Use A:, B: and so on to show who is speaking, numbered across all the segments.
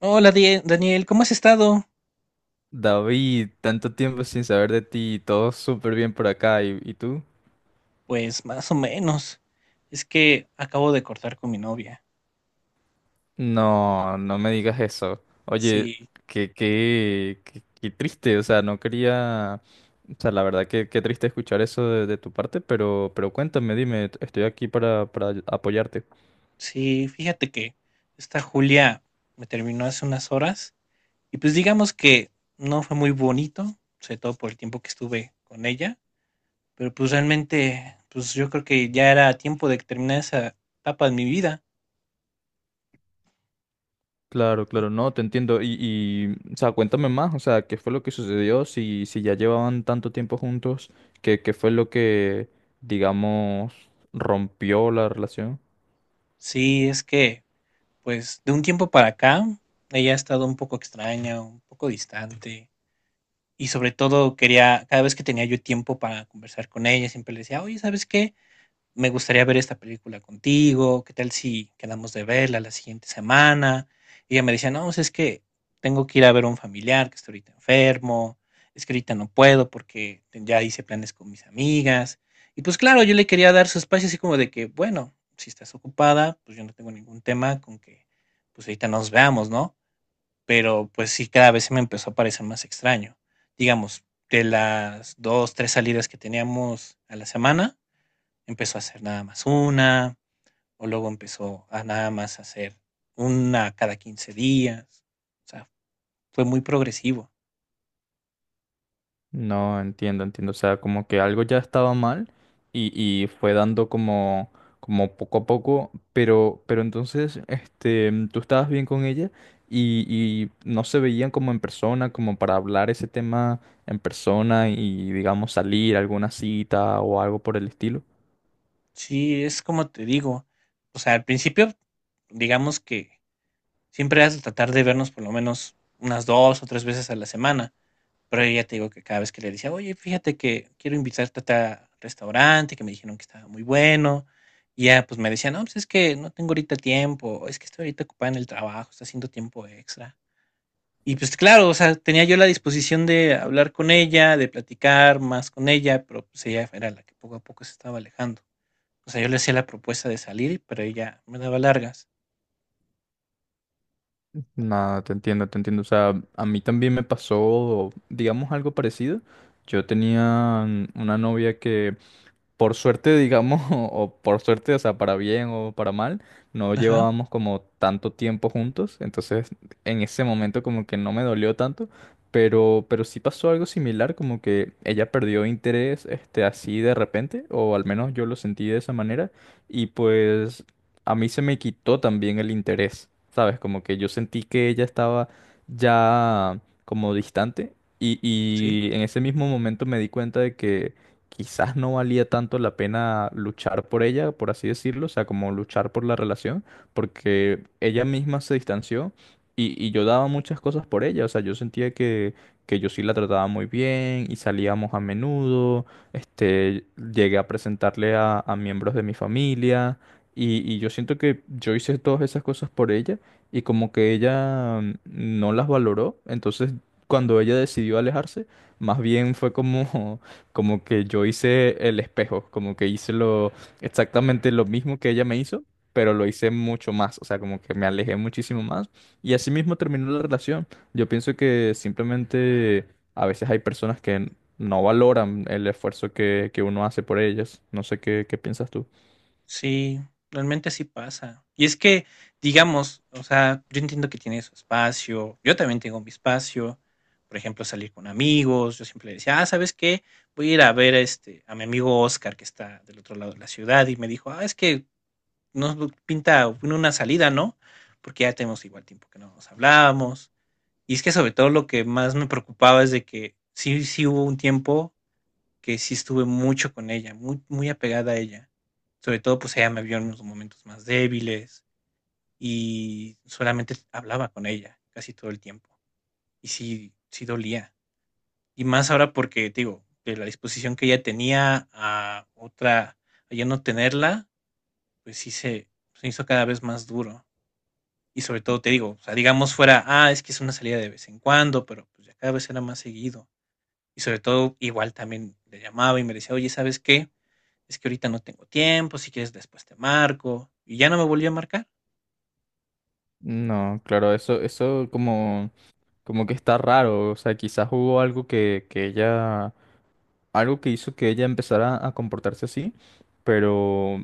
A: Hola Daniel, ¿cómo has estado?
B: David, tanto tiempo sin saber de ti, todo súper bien por acá, ¿y tú?
A: Pues más o menos. Es que acabo de cortar con mi novia.
B: No, no me digas eso. Oye,
A: Sí,
B: qué triste, o sea, no quería, o sea, la verdad que qué triste escuchar eso de tu parte, pero cuéntame, dime, estoy aquí para apoyarte.
A: sí, fíjate que esta Julia me terminó hace unas horas y pues digamos que no fue muy bonito, sobre todo por el tiempo que estuve con ella, pero pues realmente, pues yo creo que ya era tiempo de terminar esa etapa de mi vida.
B: Claro, claro, no, te entiendo, y o sea, cuéntame más, o sea, qué fue lo que sucedió, si ya llevaban tanto tiempo juntos, qué fue lo que, digamos, rompió la relación.
A: Sí, es que pues de un tiempo para acá ella ha estado un poco extraña, un poco distante y sobre todo quería, cada vez que tenía yo tiempo para conversar con ella, siempre le decía, oye, ¿sabes qué? Me gustaría ver esta película contigo, ¿qué tal si quedamos de verla la siguiente semana? Y ella me decía, no, pues es que tengo que ir a ver a un familiar que está ahorita enfermo, es que ahorita no puedo porque ya hice planes con mis amigas. Y pues claro, yo le quería dar su espacio así como de que, bueno, si estás ocupada, pues yo no tengo ningún tema con que pues ahorita nos veamos, ¿no? Pero pues sí, cada vez se me empezó a parecer más extraño. Digamos, de las dos, tres salidas que teníamos a la semana, empezó a hacer nada más una, o luego empezó a nada más hacer una cada 15 días. O sea, fue muy progresivo.
B: No, entiendo, entiendo. O sea, como que algo ya estaba mal y, y fue dando como, como poco a poco, pero entonces, tú estabas bien con ella y no se veían como en persona, como para hablar ese tema en persona y, digamos, salir a alguna cita o algo por el estilo.
A: Sí, es como te digo. O sea, al principio, digamos que siempre has de tratar de vernos por lo menos unas dos o tres veces a la semana. Pero ella te digo que cada vez que le decía: "Oye, fíjate que quiero invitarte a tal restaurante, que me dijeron que estaba muy bueno", y ya, pues, me decía: "No, pues, es que no tengo ahorita tiempo, o es que estoy ahorita ocupada en el trabajo, está haciendo tiempo extra". Y, pues, claro, o sea, tenía yo la disposición de hablar con ella, de platicar más con ella, pero, pues, ella era la que poco a poco se estaba alejando. O sea, yo le hacía la propuesta de salir, pero ella me daba largas.
B: No, te entiendo, te entiendo. O sea, a mí también me pasó, digamos, algo parecido. Yo tenía una novia que por suerte, digamos, o por suerte, o sea, para bien o para mal, no
A: Ajá,
B: llevábamos como tanto tiempo juntos, entonces en ese momento como que no me dolió tanto, pero sí pasó algo similar, como que ella perdió interés, este, así de repente, o al menos yo lo sentí de esa manera, y pues a mí se me quitó también el interés, ¿sabes? Como que yo sentí que ella estaba ya como distante. Y,
A: sí.
B: y en ese mismo momento me di cuenta de que quizás no valía tanto la pena luchar por ella, por así decirlo, o sea, como luchar por la relación, porque ella misma se distanció y yo daba muchas cosas por ella, o sea, yo sentía que yo sí la trataba muy bien y salíamos a menudo, este, llegué a presentarle a miembros de mi familia y yo siento que yo hice todas esas cosas por ella y como que ella no las valoró, entonces cuando ella decidió alejarse, más bien fue como... Como que yo hice el espejo, como que hice lo exactamente lo mismo que ella me hizo, pero lo hice mucho más, o sea, como que me alejé muchísimo más y así mismo terminó la relación. Yo pienso que simplemente a veces hay personas que no valoran el esfuerzo que uno hace por ellas. No sé qué piensas tú.
A: Sí, realmente sí pasa. Y es que, digamos, o sea, yo entiendo que tiene su espacio, yo también tengo mi espacio, por ejemplo, salir con amigos, yo siempre le decía, ah, ¿sabes qué? Voy a ir a ver a, este, a mi amigo Oscar que está del otro lado de la ciudad y me dijo, ah, es que nos pinta una salida, ¿no? Porque ya tenemos igual tiempo que no nos hablábamos. Y es que sobre todo lo que más me preocupaba es de que sí, sí hubo un tiempo que sí estuve mucho con ella, muy, muy apegada a ella sobre todo, pues ella me vio en los momentos más débiles y solamente hablaba con ella casi todo el tiempo. Y sí, sí dolía. Y más ahora porque, te digo, de la disposición que ella tenía a otra, a ya no tenerla, pues sí se hizo cada vez más duro. Y sobre todo, te digo, o sea, digamos fuera, ah, es que es una salida de vez en cuando, pero pues ya cada vez era más seguido. Y sobre todo, igual también le llamaba y me decía, oye, ¿sabes qué? Es que ahorita no tengo tiempo, si quieres después te marco. Y ya no me volvió a marcar.
B: No, claro, eso como, como que está raro. O sea, quizás hubo algo que ella, algo que hizo que ella empezara a comportarse así, pero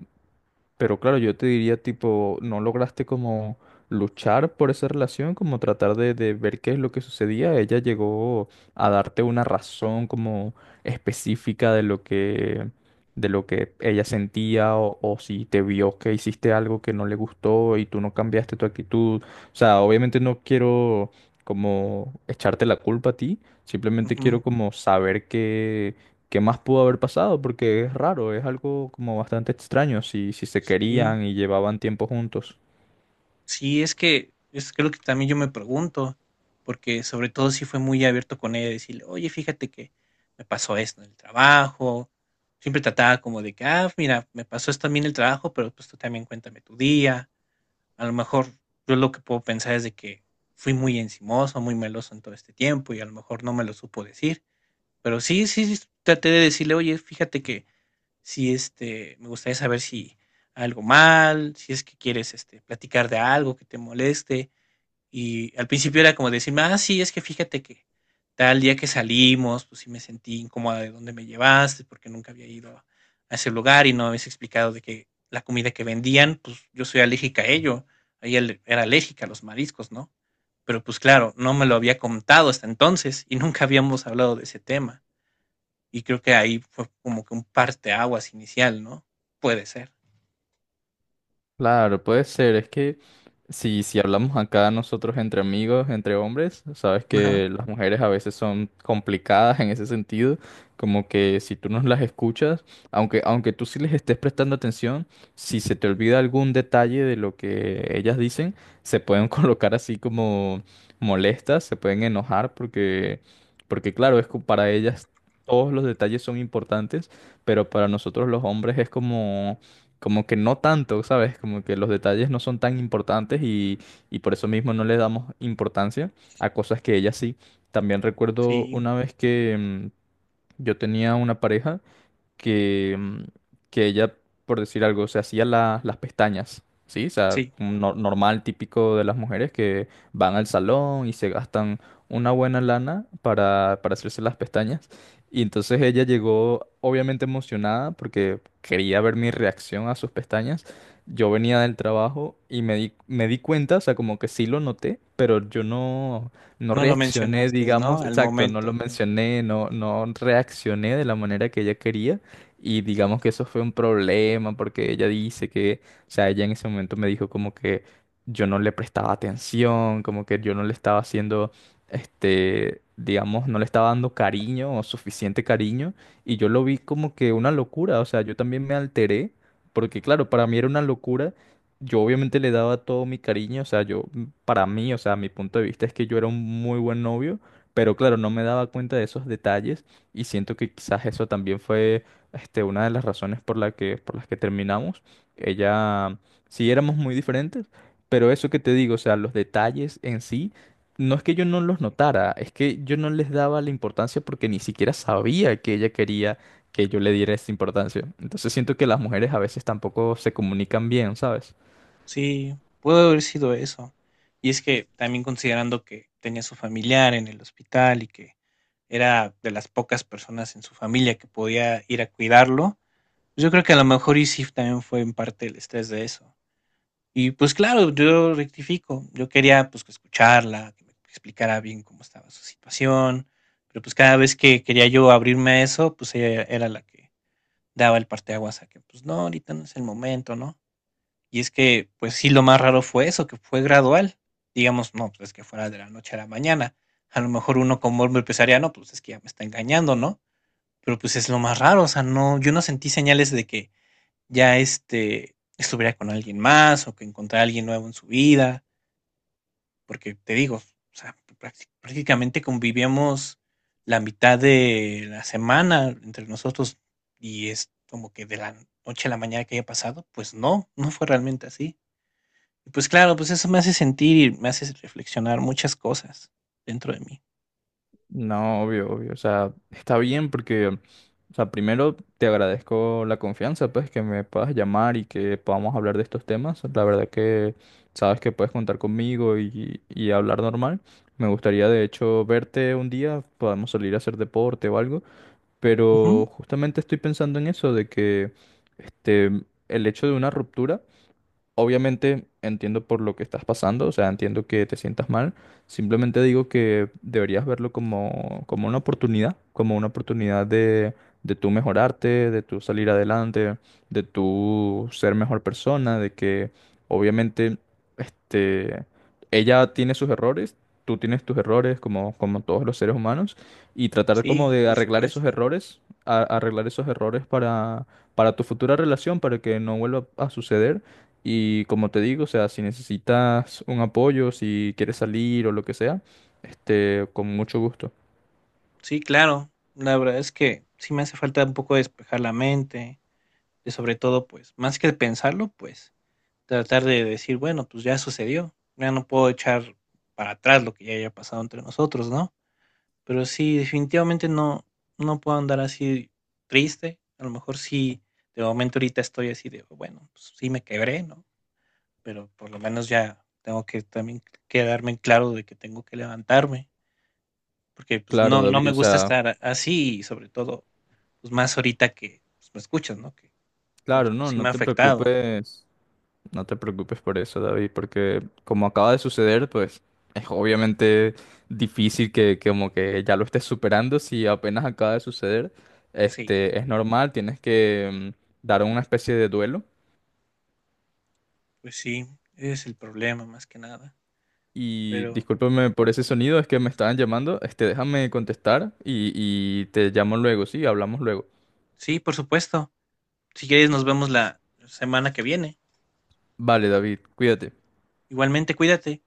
B: Pero claro, yo te diría tipo, ¿no lograste como luchar por esa relación, como tratar de ver qué es lo que sucedía? Ella llegó a darte una razón como específica de lo que ella sentía o si te vio que hiciste algo que no le gustó y tú no cambiaste tu actitud. O sea, obviamente no quiero como echarte la culpa a ti, simplemente
A: Ujú,
B: quiero como saber ¿qué más pudo haber pasado? Porque es raro, es algo como bastante extraño si se
A: sí,
B: querían y llevaban tiempo juntos.
A: sí, es que lo que también yo me pregunto, porque sobre todo si fue muy abierto con ella, decirle, oye, fíjate que me pasó esto en el trabajo, siempre trataba como de que, ah, mira, me pasó esto también en el trabajo, pero pues tú también cuéntame tu día, a lo mejor yo lo que puedo pensar es de que fui muy encimoso, muy meloso en todo este tiempo y a lo mejor no me lo supo decir, pero sí, sí, sí, traté de decirle, oye, fíjate que si este, me gustaría saber si algo mal, si es que quieres, este, platicar de algo que te moleste. Y al principio era como decirme, ah, sí, es que fíjate que tal día que salimos, pues sí me sentí incómoda de dónde me llevaste, porque nunca había ido a ese lugar y no habías explicado de que la comida que vendían, pues yo soy alérgica a ello. Ella era alérgica a los mariscos, ¿no? Pero pues claro, no me lo había contado hasta entonces y nunca habíamos hablado de ese tema. Y creo que ahí fue como que un parteaguas inicial, ¿no? Puede ser.
B: Claro, puede ser, es que si hablamos acá nosotros entre amigos, entre hombres, sabes
A: Ajá.
B: que las mujeres a veces son complicadas en ese sentido, como que si tú no las escuchas, aunque tú sí les estés prestando atención, si se te olvida algún detalle de lo que ellas dicen, se pueden colocar así como molestas, se pueden enojar porque, porque claro, es que para ellas todos los detalles son importantes, pero para nosotros los hombres es como como que no tanto, ¿sabes? Como que los detalles no son tan importantes y por eso mismo no le damos importancia a cosas que ella sí. También recuerdo
A: Sí,
B: una vez que yo tenía una pareja que, que ella, por decir algo, las pestañas, ¿sí? O sea,
A: sí.
B: un normal, típico de las mujeres que van al salón y se gastan una buena lana para hacerse las pestañas. Y entonces ella llegó obviamente emocionada porque quería ver mi reacción a sus pestañas. Yo venía del trabajo y me di cuenta, o sea, como que sí lo noté, pero yo no, no
A: No lo
B: reaccioné,
A: mencionaste, ¿no?
B: digamos,
A: Al
B: exacto, no lo
A: momento.
B: mencioné, no, no reaccioné de la manera que ella quería. Y digamos que eso fue un problema porque ella dice que, o sea, ella en ese momento me dijo como que yo no le prestaba atención, como que yo no le estaba haciendo, este, digamos, no le estaba dando cariño o suficiente cariño. Y yo lo vi como que una locura, o sea, yo también me alteré porque, claro, para mí era una locura. Yo obviamente le daba todo mi cariño, o sea, yo, para mí, o sea, mi punto de vista es que yo era un muy buen novio, pero claro, no me daba cuenta de esos detalles y siento que quizás eso también fue este, una de las razones por la que, por las que terminamos. Ella, sí éramos muy diferentes, pero eso que te digo, o sea, los detalles en sí, no es que yo no los notara, es que yo no les daba la importancia porque ni siquiera sabía que ella quería que yo le diera esa importancia. Entonces siento que las mujeres a veces tampoco se comunican bien, ¿sabes?
A: Sí, pudo haber sido eso. Y es que también considerando que tenía su familiar en el hospital y que era de las pocas personas en su familia que podía ir a cuidarlo, pues yo creo que a lo mejor y sí también fue en parte el estrés de eso. Y pues claro, yo rectifico. Yo quería pues que escucharla, que me explicara bien cómo estaba su situación, pero pues cada vez que quería yo abrirme a eso, pues ella era la que daba el parteaguas a que pues no, ahorita no es el momento, ¿no? Y es que pues sí, lo más raro fue eso, que fue gradual. Digamos, no, pues es que fuera de la noche a la mañana. A lo mejor uno como hombre empezaría, no, pues es que ya me está engañando, ¿no? Pero pues es lo más raro, o sea, no, yo no sentí señales de que ya este, estuviera con alguien más o que encontrara a alguien nuevo en su vida, porque te digo, o sea, prácticamente convivíamos la mitad de la semana entre nosotros y es como que de la noche a la mañana que haya pasado, pues no, no fue realmente así. Y pues claro, pues eso me hace sentir y me hace reflexionar muchas cosas dentro de mí.
B: No, obvio, obvio. O sea, está bien porque o sea, primero te agradezco la confianza, pues, que me puedas llamar y que podamos hablar de estos temas. La verdad que sabes que puedes contar conmigo y hablar normal. Me gustaría, de hecho, verte un día, podemos salir a hacer deporte o algo,
A: Ujú.
B: pero justamente estoy pensando en eso, de que este, el hecho de una ruptura obviamente entiendo por lo que estás pasando, o sea, entiendo que te sientas mal. Simplemente digo que deberías verlo como, como una oportunidad de tú mejorarte, de tú salir adelante, de tú ser mejor persona, de que obviamente este, ella tiene sus errores, tú tienes tus errores como, como todos los seres humanos y tratar como
A: Sí,
B: de
A: por
B: arreglar esos
A: supuesto.
B: errores, arreglar esos errores para tu futura relación, para que no vuelva a suceder y como te digo, o sea, si necesitas un apoyo, si quieres salir o lo que sea, este, con mucho gusto.
A: Sí, claro. La verdad es que sí me hace falta un poco despejar la mente. Y sobre todo, pues, más que pensarlo, pues, tratar de decir, bueno, pues ya sucedió, ya no puedo echar para atrás lo que ya haya pasado entre nosotros, ¿no? Pero sí, definitivamente no, no puedo andar así triste. A lo mejor sí, de momento ahorita estoy así de, bueno, pues sí me quebré, ¿no? Pero por lo menos ya tengo que también quedarme en claro de que tengo que levantarme, porque pues
B: Claro,
A: no, no me
B: David, o
A: gusta
B: sea,
A: estar así y sobre todo, pues más ahorita que pues, me escuchas, ¿no? Que todo
B: claro,
A: esto
B: no,
A: sí
B: no
A: me ha
B: te
A: afectado.
B: preocupes, no te preocupes por eso, David, porque como acaba de suceder, pues es obviamente difícil que como que ya lo estés superando si apenas acaba de suceder.
A: Sí.
B: Este, es normal, tienes que dar una especie de duelo
A: Pues sí, ese es el problema más que nada.
B: y
A: Pero
B: discúlpame por ese sonido, es que me estaban llamando. Este, déjame contestar y te llamo luego, sí, hablamos luego.
A: sí, por supuesto. Si quieres, nos vemos la semana que viene.
B: Vale, David, cuídate.
A: Igualmente, cuídate.